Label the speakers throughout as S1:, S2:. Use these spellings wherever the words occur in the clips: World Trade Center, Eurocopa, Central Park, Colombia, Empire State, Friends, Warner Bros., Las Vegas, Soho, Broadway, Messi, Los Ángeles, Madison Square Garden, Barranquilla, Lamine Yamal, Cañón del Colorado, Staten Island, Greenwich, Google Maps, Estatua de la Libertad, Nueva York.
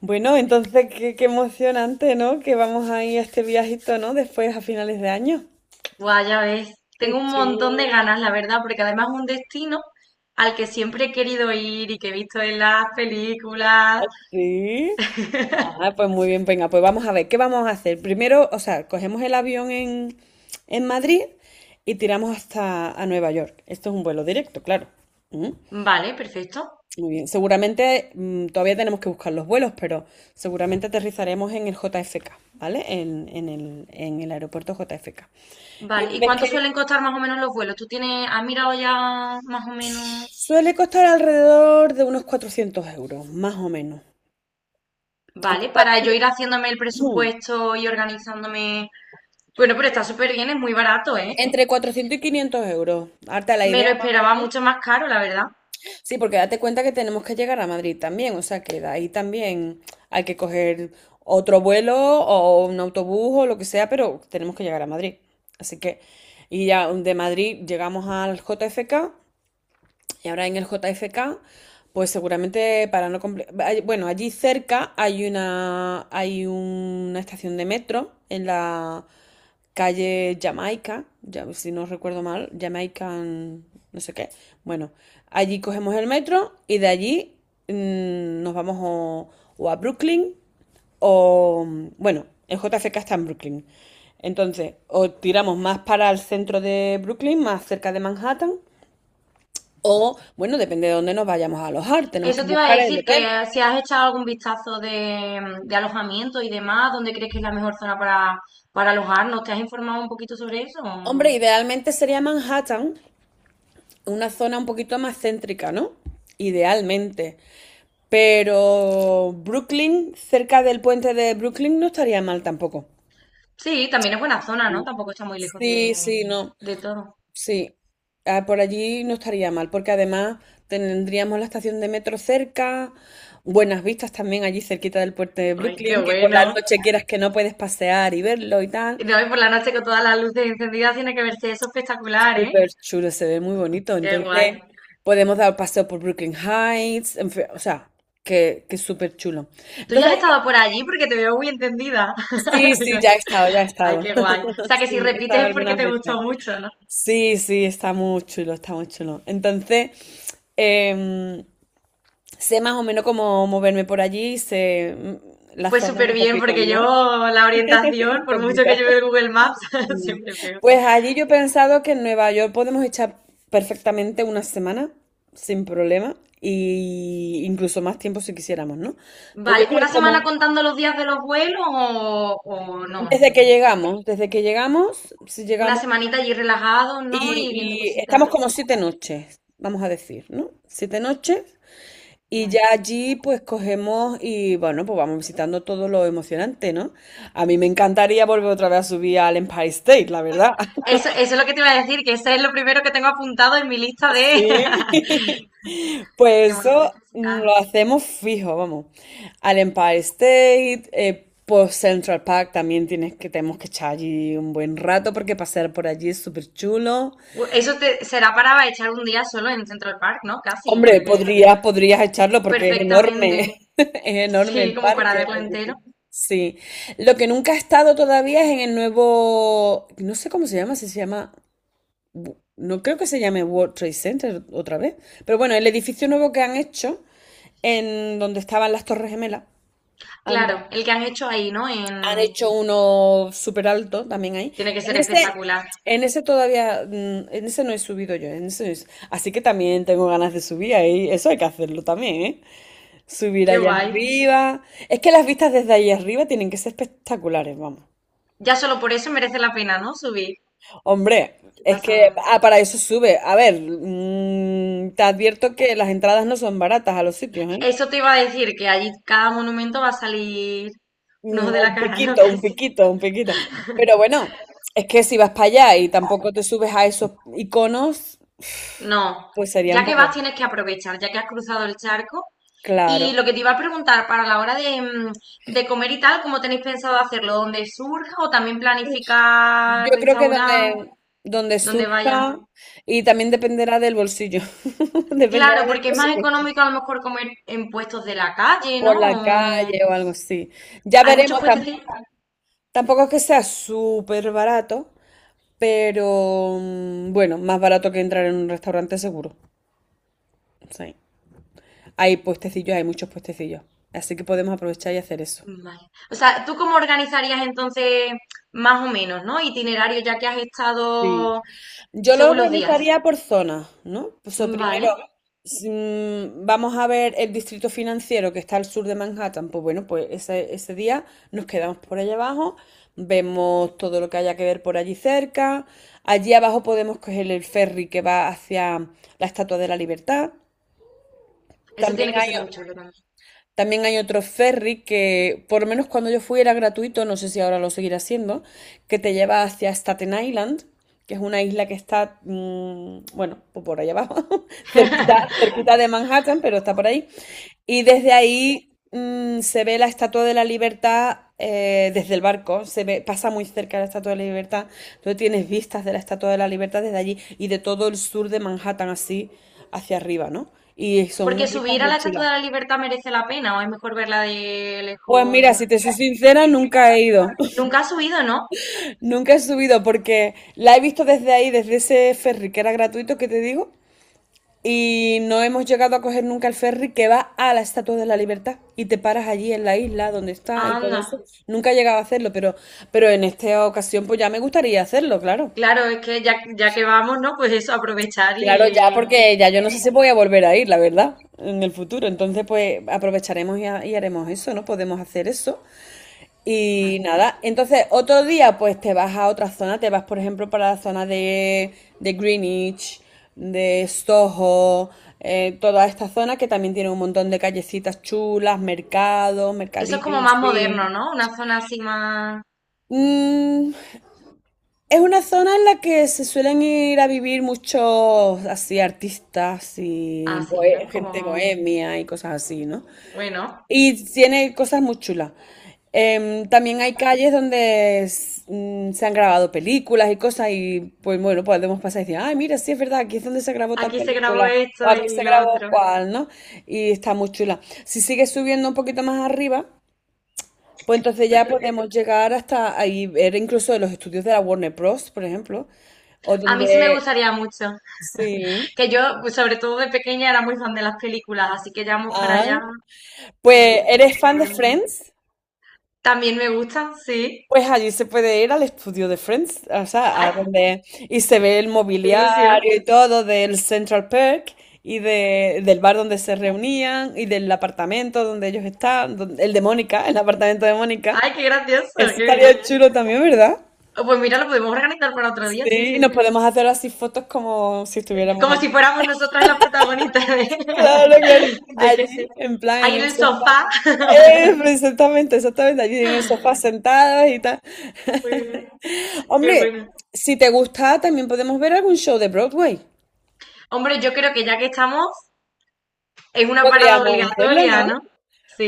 S1: Bueno, entonces qué, qué emocionante, ¿no? Que vamos a ir a este viajito, ¿no? Después a finales de año.
S2: Buah, ya ves,
S1: Qué
S2: tengo un montón de
S1: chulo.
S2: ganas, la verdad, porque además es un destino al que siempre he querido ir y que he visto en las películas.
S1: Ah, sí. Ah, pues muy bien, venga, pues vamos a ver, ¿qué vamos a hacer? Primero, o sea, cogemos el avión en Madrid y tiramos hasta a Nueva York. Esto es un vuelo directo, claro. Mm,
S2: Vale, perfecto.
S1: muy bien, seguramente todavía tenemos que buscar los vuelos, pero seguramente aterrizaremos en el JFK, ¿vale? En el aeropuerto JFK. Y
S2: Vale,
S1: una
S2: ¿y
S1: vez que
S2: cuánto suelen costar más o menos los vuelos? ¿Tú tienes, has mirado ya más o menos?
S1: suele costar alrededor de unos 400 euros, más o menos.
S2: Vale, para yo ir haciéndome el
S1: Ujú.
S2: presupuesto y organizándome. Bueno, pero está súper bien, es muy barato, ¿eh?
S1: Entre 400 y 500 euros. Harta la
S2: Me lo
S1: idea, más o
S2: esperaba
S1: menos.
S2: mucho más caro, la verdad.
S1: Sí, porque date cuenta que tenemos que llegar a Madrid también, o sea que de ahí también hay que coger otro vuelo o un autobús o lo que sea, pero tenemos que llegar a Madrid. Así que, y ya de Madrid llegamos al JFK. Y ahora en el JFK, pues seguramente para no comple- bueno, allí cerca hay una estación de metro en la calle Jamaica, ya si no recuerdo mal, Jamaican no sé qué. Bueno, allí cogemos el metro y de allí, nos vamos o a Brooklyn o bueno, el JFK está en Brooklyn. Entonces, o tiramos más para el centro de Brooklyn, más cerca de Manhattan, o, bueno, depende de dónde nos vayamos a alojar, tenemos que
S2: Eso te iba a
S1: buscar el
S2: decir, que
S1: hotel.
S2: si has echado algún vistazo de, de alojamiento y demás, ¿dónde crees que es la mejor zona para alojarnos? ¿Te has informado un poquito sobre eso?
S1: Hombre, idealmente sería Manhattan, una zona un poquito más céntrica, ¿no? Idealmente. Pero Brooklyn, cerca del puente de Brooklyn, no estaría mal tampoco.
S2: Sí, también es buena zona, ¿no? Tampoco está muy lejos
S1: Sí, sí, no.
S2: de todo.
S1: Sí, ah, por allí no estaría mal, porque además tendríamos la estación de metro cerca, buenas vistas también allí cerquita del puente de
S2: ¡Ay, qué
S1: Brooklyn, que por la
S2: bueno!
S1: noche quieras que no puedes pasear y verlo y tal.
S2: Y no, y por la noche con todas las luces encendidas tiene que verse eso espectacular, ¿eh?
S1: Súper chulo, se ve muy bonito.
S2: ¡Qué
S1: Entonces,
S2: guay!
S1: podemos dar paseo por Brooklyn Heights, en fin, o sea, que es súper chulo.
S2: ¿Tú ya
S1: Entonces,
S2: has estado
S1: ahí-
S2: por allí? Porque te veo muy encendida.
S1: sí, sí,
S2: Digo,
S1: ya he estado, ya he
S2: ¡ay,
S1: estado.
S2: qué guay! O sea, que
S1: Sí,
S2: si
S1: he estado
S2: repites es porque
S1: algunas
S2: te
S1: veces.
S2: gustó mucho, ¿no?
S1: Sí, sí, está muy chulo, está muy chulo. Entonces, em, sé más o menos cómo moverme por allí, sé, las
S2: Pues
S1: zonas
S2: súper
S1: un
S2: bien,
S1: poquito,
S2: porque yo
S1: ¿no?
S2: la orientación,
S1: Un
S2: por mucho que lleve
S1: poquito.
S2: el Google Maps,
S1: Mm.
S2: siempre peor.
S1: Pues allí yo he pensado que en Nueva York podemos echar perfectamente una semana sin problema y incluso más tiempo si quisiéramos, ¿no? Pero yo
S2: Vale,
S1: creo
S2: ¿una semana
S1: como
S2: contando los días de los vuelos o no?
S1: desde que llegamos, si
S2: Una
S1: llegamos
S2: semanita allí relajado, ¿no? Y viendo
S1: y estamos
S2: cositas.
S1: como 7 noches, vamos a decir, ¿no? 7 noches y ya
S2: Vale.
S1: allí pues cogemos y bueno, pues vamos visitando todo lo emocionante, ¿no? A mí me encantaría volver otra vez a subir al Empire State, la verdad.
S2: Eso es lo que te iba a decir, que ese es lo primero que tengo apuntado en mi lista de,
S1: Sí,
S2: de
S1: pues
S2: monumentos
S1: eso,
S2: que visitar.
S1: lo hacemos fijo, vamos. Al Empire State, por Central Park también tenemos que echar allí un buen rato porque pasear por allí es súper chulo.
S2: Bu- eso te, será para echar un día solo en Central Park, ¿no? Casi,
S1: Hombre,
S2: porque
S1: podrías echarlo porque es enorme,
S2: perfectamente.
S1: es enorme el
S2: Sí, como para
S1: parque.
S2: verlo
S1: Así
S2: entero.
S1: que sí. Lo que nunca he estado todavía es en el nuevo, no sé cómo se llama, si se llama, no creo que se llame World Trade Center otra vez, pero bueno, el edificio nuevo que han hecho en donde estaban las Torres Gemelas, antes.
S2: Claro, el que han hecho ahí, ¿no?
S1: Han
S2: En,
S1: hecho uno súper alto también ahí.
S2: tiene que
S1: En
S2: ser
S1: ese,
S2: espectacular.
S1: en ese no he subido yo, en ese no he su- así que también tengo ganas de subir ahí. Eso hay que hacerlo también, ¿eh? Subir
S2: Qué
S1: allá
S2: guay.
S1: arriba. Es que las vistas desde ahí arriba tienen que ser espectaculares, vamos.
S2: Ya solo por eso merece la pena, ¿no? Subir.
S1: Hombre,
S2: Qué
S1: es que
S2: pasada.
S1: para eso sube. A ver, te advierto que las entradas no son baratas a los sitios, ¿eh?
S2: Eso te iba a decir, que allí cada monumento va a salir un
S1: Mm,
S2: ojo de la
S1: un
S2: cara, ¿no?
S1: piquito, un
S2: Casi.
S1: piquito, un piquito. Pero bueno, es que si vas para allá y tampoco te subes a esos iconos,
S2: No.
S1: pues sería un
S2: Ya que vas,
S1: poco,
S2: tienes que aprovechar, ya que has cruzado el charco. Y
S1: claro.
S2: lo que te iba a preguntar, para la hora de, de comer y tal, ¿cómo tenéis pensado hacerlo? ¿Dónde surja o también planificar
S1: Yo creo que
S2: restaurar?
S1: donde
S2: ¿Dónde vaya?
S1: surja, y también dependerá del bolsillo, dependerá
S2: Claro,
S1: del
S2: porque es más
S1: presupuesto,
S2: económico a lo mejor comer en puestos de la calle,
S1: por la
S2: ¿no? O-
S1: calle o algo así. Ya
S2: hay muchos
S1: veremos,
S2: puestos.
S1: tam- tampoco es que sea súper barato, pero, bueno, más barato que entrar en un restaurante seguro. Sí. Hay puestecillos, hay muchos puestecillos. Así que podemos aprovechar y hacer eso.
S2: Vale. O sea, ¿tú cómo organizarías entonces más o menos, ¿no? Itinerario ya que has
S1: Sí.
S2: estado
S1: Yo lo
S2: según los días.
S1: organizaría por zonas, ¿no? Pues o sea,
S2: Vale.
S1: primero si, vamos a ver el distrito financiero que está al sur de Manhattan. Pues bueno, pues ese día nos quedamos por allá abajo, vemos todo lo que haya que ver por allí cerca. Allí abajo podemos coger el ferry que va hacia la Estatua de la Libertad.
S2: Eso
S1: También
S2: tiene que
S1: hay
S2: ser muy chulo también.
S1: También hay otro ferry que, por lo menos cuando yo fui, era gratuito, no sé si ahora lo seguirá siendo, que te lleva hacia Staten Island, que es una isla que está, bueno, pues por allá abajo, cerquita, cerquita de Manhattan, pero está por ahí. Y desde ahí, se ve la Estatua de la Libertad, desde el barco, se ve, pasa muy cerca la Estatua de la Libertad, entonces tienes vistas de la Estatua de la Libertad desde allí y de todo el sur de Manhattan así hacia arriba, ¿no? Y son
S2: Porque
S1: unas vistas
S2: subir a
S1: muy
S2: la
S1: chulas.
S2: Estatua de la Libertad merece la pena o es mejor verla de
S1: Pues
S2: lejos.
S1: mira, si te soy sincera, nunca he ido.
S2: Nunca has subido, ¿no?
S1: Nunca he subido porque la he visto desde ahí, desde ese ferry que era gratuito que te digo. Y no hemos llegado a coger nunca el ferry que va a la Estatua de la Libertad y te paras allí en la isla donde está y todo
S2: Anda.
S1: eso. Nunca he llegado a hacerlo, pero en esta ocasión pues ya me gustaría hacerlo, claro.
S2: Claro, es que ya, ya que vamos, ¿no? Pues eso, aprovechar
S1: Claro,
S2: y...
S1: ya porque ya yo no sé si voy a volver a ir, la verdad, en el futuro. Entonces pues aprovecharemos y, y haremos eso, ¿no? Podemos hacer eso. Y
S2: Vale.
S1: nada, entonces otro día pues te vas a otra zona, te vas por ejemplo para la zona de Greenwich, de Soho, toda esta zona que también tiene un montón de callecitas chulas, mercados,
S2: Eso es
S1: mercadillos
S2: como
S1: y
S2: más moderno,
S1: así.
S2: ¿no? Una zona así más...
S1: Mm, es una zona en la que se suelen ir a vivir muchos así artistas y
S2: Así, ¿no?
S1: gente
S2: Como...
S1: bohemia y cosas así, ¿no?
S2: Bueno,
S1: Y tiene cosas muy chulas. Em, también hay calles donde se han grabado películas y cosas y pues bueno, podemos pasar y decir, ay, mira, sí es verdad, aquí es donde se grabó tal
S2: aquí se grabó
S1: película o
S2: esto
S1: aquí
S2: y
S1: se
S2: lo
S1: grabó
S2: otro.
S1: cual, ¿no? Y está muy chula. Si sigues subiendo un poquito más arriba, pues entonces ya podemos llegar hasta ahí, ver incluso de los estudios de la Warner Bros., por ejemplo, o
S2: A mí sí me
S1: donde...
S2: gustaría mucho.
S1: Sí.
S2: Que yo, pues, sobre todo de pequeña, era muy fan de las películas, así que ya vamos para
S1: Ah,
S2: allá,
S1: pues,
S2: pues
S1: ¿eres fan
S2: lo
S1: de
S2: vemos.
S1: Friends?
S2: También me gustan, sí.
S1: Pues allí se puede ir al estudio de Friends, o sea,
S2: ¡Ay,
S1: a donde y se ve el
S2: qué ilusión!
S1: mobiliario y todo del Central Park y del bar donde se reunían y del apartamento donde ellos están, el de Mónica, el apartamento de Mónica.
S2: ¡Ay, qué gracioso!
S1: Eso
S2: ¡Qué bien!
S1: estaría chulo también, ¿verdad?
S2: Oh, pues mira, lo podemos organizar para otro día, sí,
S1: Sí, y
S2: sí, sí.
S1: nos podemos hacer así fotos como si estuviéramos
S2: Como
S1: allí.
S2: si fuéramos nosotras las protagonistas de,
S1: Claro, claro.
S2: de que sí.
S1: Allí, en plan,
S2: Ahí
S1: en
S2: en
S1: el
S2: el
S1: sofá.
S2: sofá.
S1: Exactamente, exactamente, allí en el sofá sentadas y tal.
S2: Muy bien. Qué
S1: Hombre,
S2: bueno.
S1: si te gusta, también podemos ver algún show de Broadway.
S2: Hombre, yo creo que ya que estamos, es una parada
S1: Podríamos hacerlo,
S2: obligatoria,
S1: ¿no?
S2: ¿no?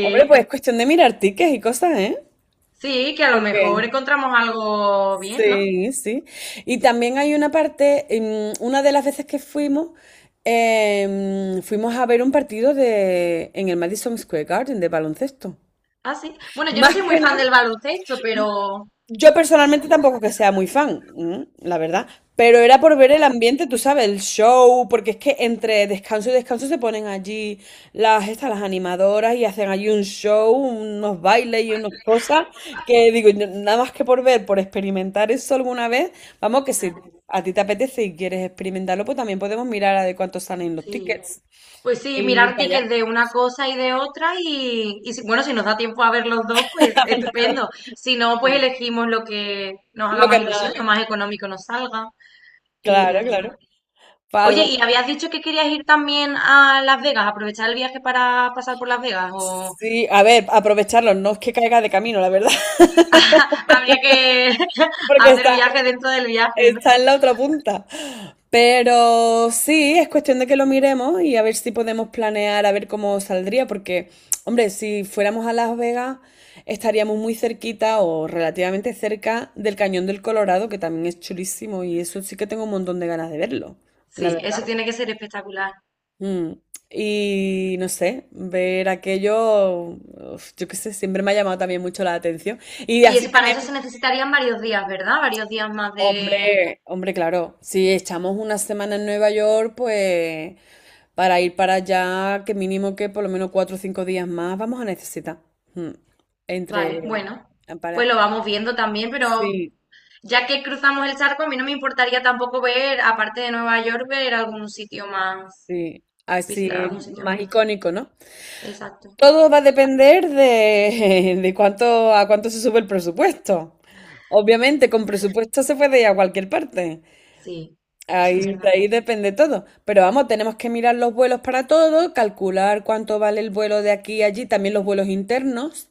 S1: Hombre, pues es cuestión de mirar tickets y cosas, ¿eh?
S2: sí, que a lo
S1: Porque
S2: mejor encontramos algo bien, ¿no?
S1: sí, sí. Y también hay una parte, una de las veces que fuimos, fuimos a ver un partido de en el Madison Square Garden de baloncesto.
S2: Ah, sí. Bueno, yo no
S1: Más
S2: soy muy
S1: que
S2: fan
S1: nada,
S2: del baloncesto, pero
S1: yo personalmente tampoco que sea muy fan, la verdad, pero era por ver el ambiente, tú sabes, el show, porque es que entre descanso y descanso se ponen allí las estas, las animadoras y hacen allí un show, unos bailes y unas cosas que digo, yo nada más que por ver, por experimentar eso alguna vez, vamos que si
S2: claro,
S1: a ti te apetece y quieres experimentarlo, pues también podemos mirar a de cuánto salen los
S2: sí.
S1: tickets
S2: Pues sí,
S1: y ir
S2: mirar
S1: para allá.
S2: tickets de una cosa y de otra y si- bueno, si nos da tiempo a ver los dos, pues estupendo. Si no, pues elegimos lo que nos haga
S1: Lo que
S2: más ilusión, lo
S1: nada,
S2: más económico nos salga y
S1: claro,
S2: ya
S1: claro.
S2: está.
S1: Para
S2: Oye,
S1: algo
S2: ¿y habías dicho que querías ir también a Las Vegas, aprovechar el viaje para pasar por Las Vegas? O
S1: así, a ver, aprovecharlo, no es que caiga de camino, la
S2: bueno,
S1: verdad.
S2: habría que
S1: Porque
S2: hacer
S1: está,
S2: viaje dentro del viaje, ¿no?
S1: está en la otra punta. Pero sí, es cuestión de que lo miremos y a ver si podemos planear, a ver cómo saldría, porque, hombre, si fuéramos a Las Vegas, estaríamos muy cerquita o relativamente cerca del Cañón del Colorado, que también es chulísimo y eso sí que tengo un montón de ganas de verlo, la
S2: Sí,
S1: verdad.
S2: eso tiene que ser espectacular.
S1: Mm, y no sé, ver aquello, uf, yo qué sé, siempre me ha llamado también mucho la atención. Y
S2: Y
S1: así
S2: eso, para eso
S1: tenemos...
S2: se necesitarían varios días, ¿verdad? Varios días más de...
S1: Hombre, hombre, claro. Si echamos una semana en Nueva York, pues para ir para allá, que mínimo que por lo menos cuatro o cinco días más vamos a necesitar. Mm.
S2: Vale,
S1: Entre
S2: bueno,
S1: para.
S2: pues lo vamos viendo también, pero
S1: Sí,
S2: ya que cruzamos el charco, a mí no me importaría tampoco ver, aparte de Nueva York, ver algún sitio más,
S1: sí. Así
S2: visitar algún sitio
S1: más
S2: más.
S1: icónico, ¿no?
S2: Exacto.
S1: Todo va a depender de, de cuánto a cuánto se sube el presupuesto. Obviamente, con presupuesto se puede ir a cualquier parte.
S2: Sí, eso es
S1: Ahí, de
S2: verdad.
S1: ahí depende todo. Pero vamos, tenemos que mirar los vuelos para todo, calcular cuánto vale el vuelo de aquí a allí, también los vuelos internos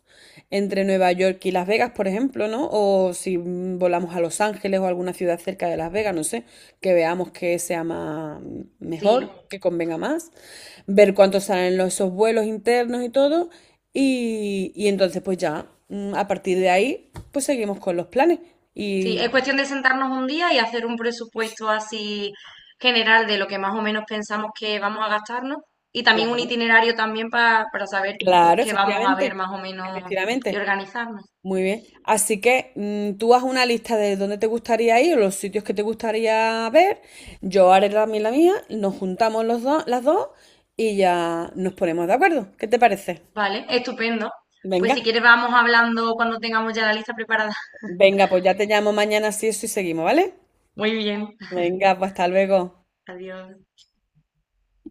S1: entre Nueva York y Las Vegas, por ejemplo, ¿no? O si, volamos a Los Ángeles o alguna ciudad cerca de Las Vegas, no sé, que veamos que sea más mejor,
S2: Sí,
S1: que convenga más, ver cuánto salen los, esos vuelos internos y todo, y entonces pues ya, a partir de ahí, pues seguimos con los planes.
S2: sí, es
S1: Y
S2: cuestión de sentarnos un día y hacer un presupuesto así general de lo que más o menos pensamos que vamos a gastarnos y también un
S1: claro.
S2: itinerario también pa- para saber pues
S1: Claro,
S2: qué vamos a ver
S1: efectivamente,
S2: más o menos y
S1: efectivamente.
S2: organizarnos.
S1: Muy bien. Así que, tú haz una lista de dónde te gustaría ir, los sitios que te gustaría ver. Yo haré también la mía, nos juntamos las dos y ya nos ponemos de acuerdo. ¿Qué te parece?
S2: Vale, estupendo. Pues
S1: Venga,
S2: si quieres vamos hablando cuando tengamos ya la lista preparada.
S1: venga, pues ya te llamo mañana si eso y seguimos, ¿vale?
S2: Muy bien.
S1: Venga, pues hasta luego.
S2: Adiós.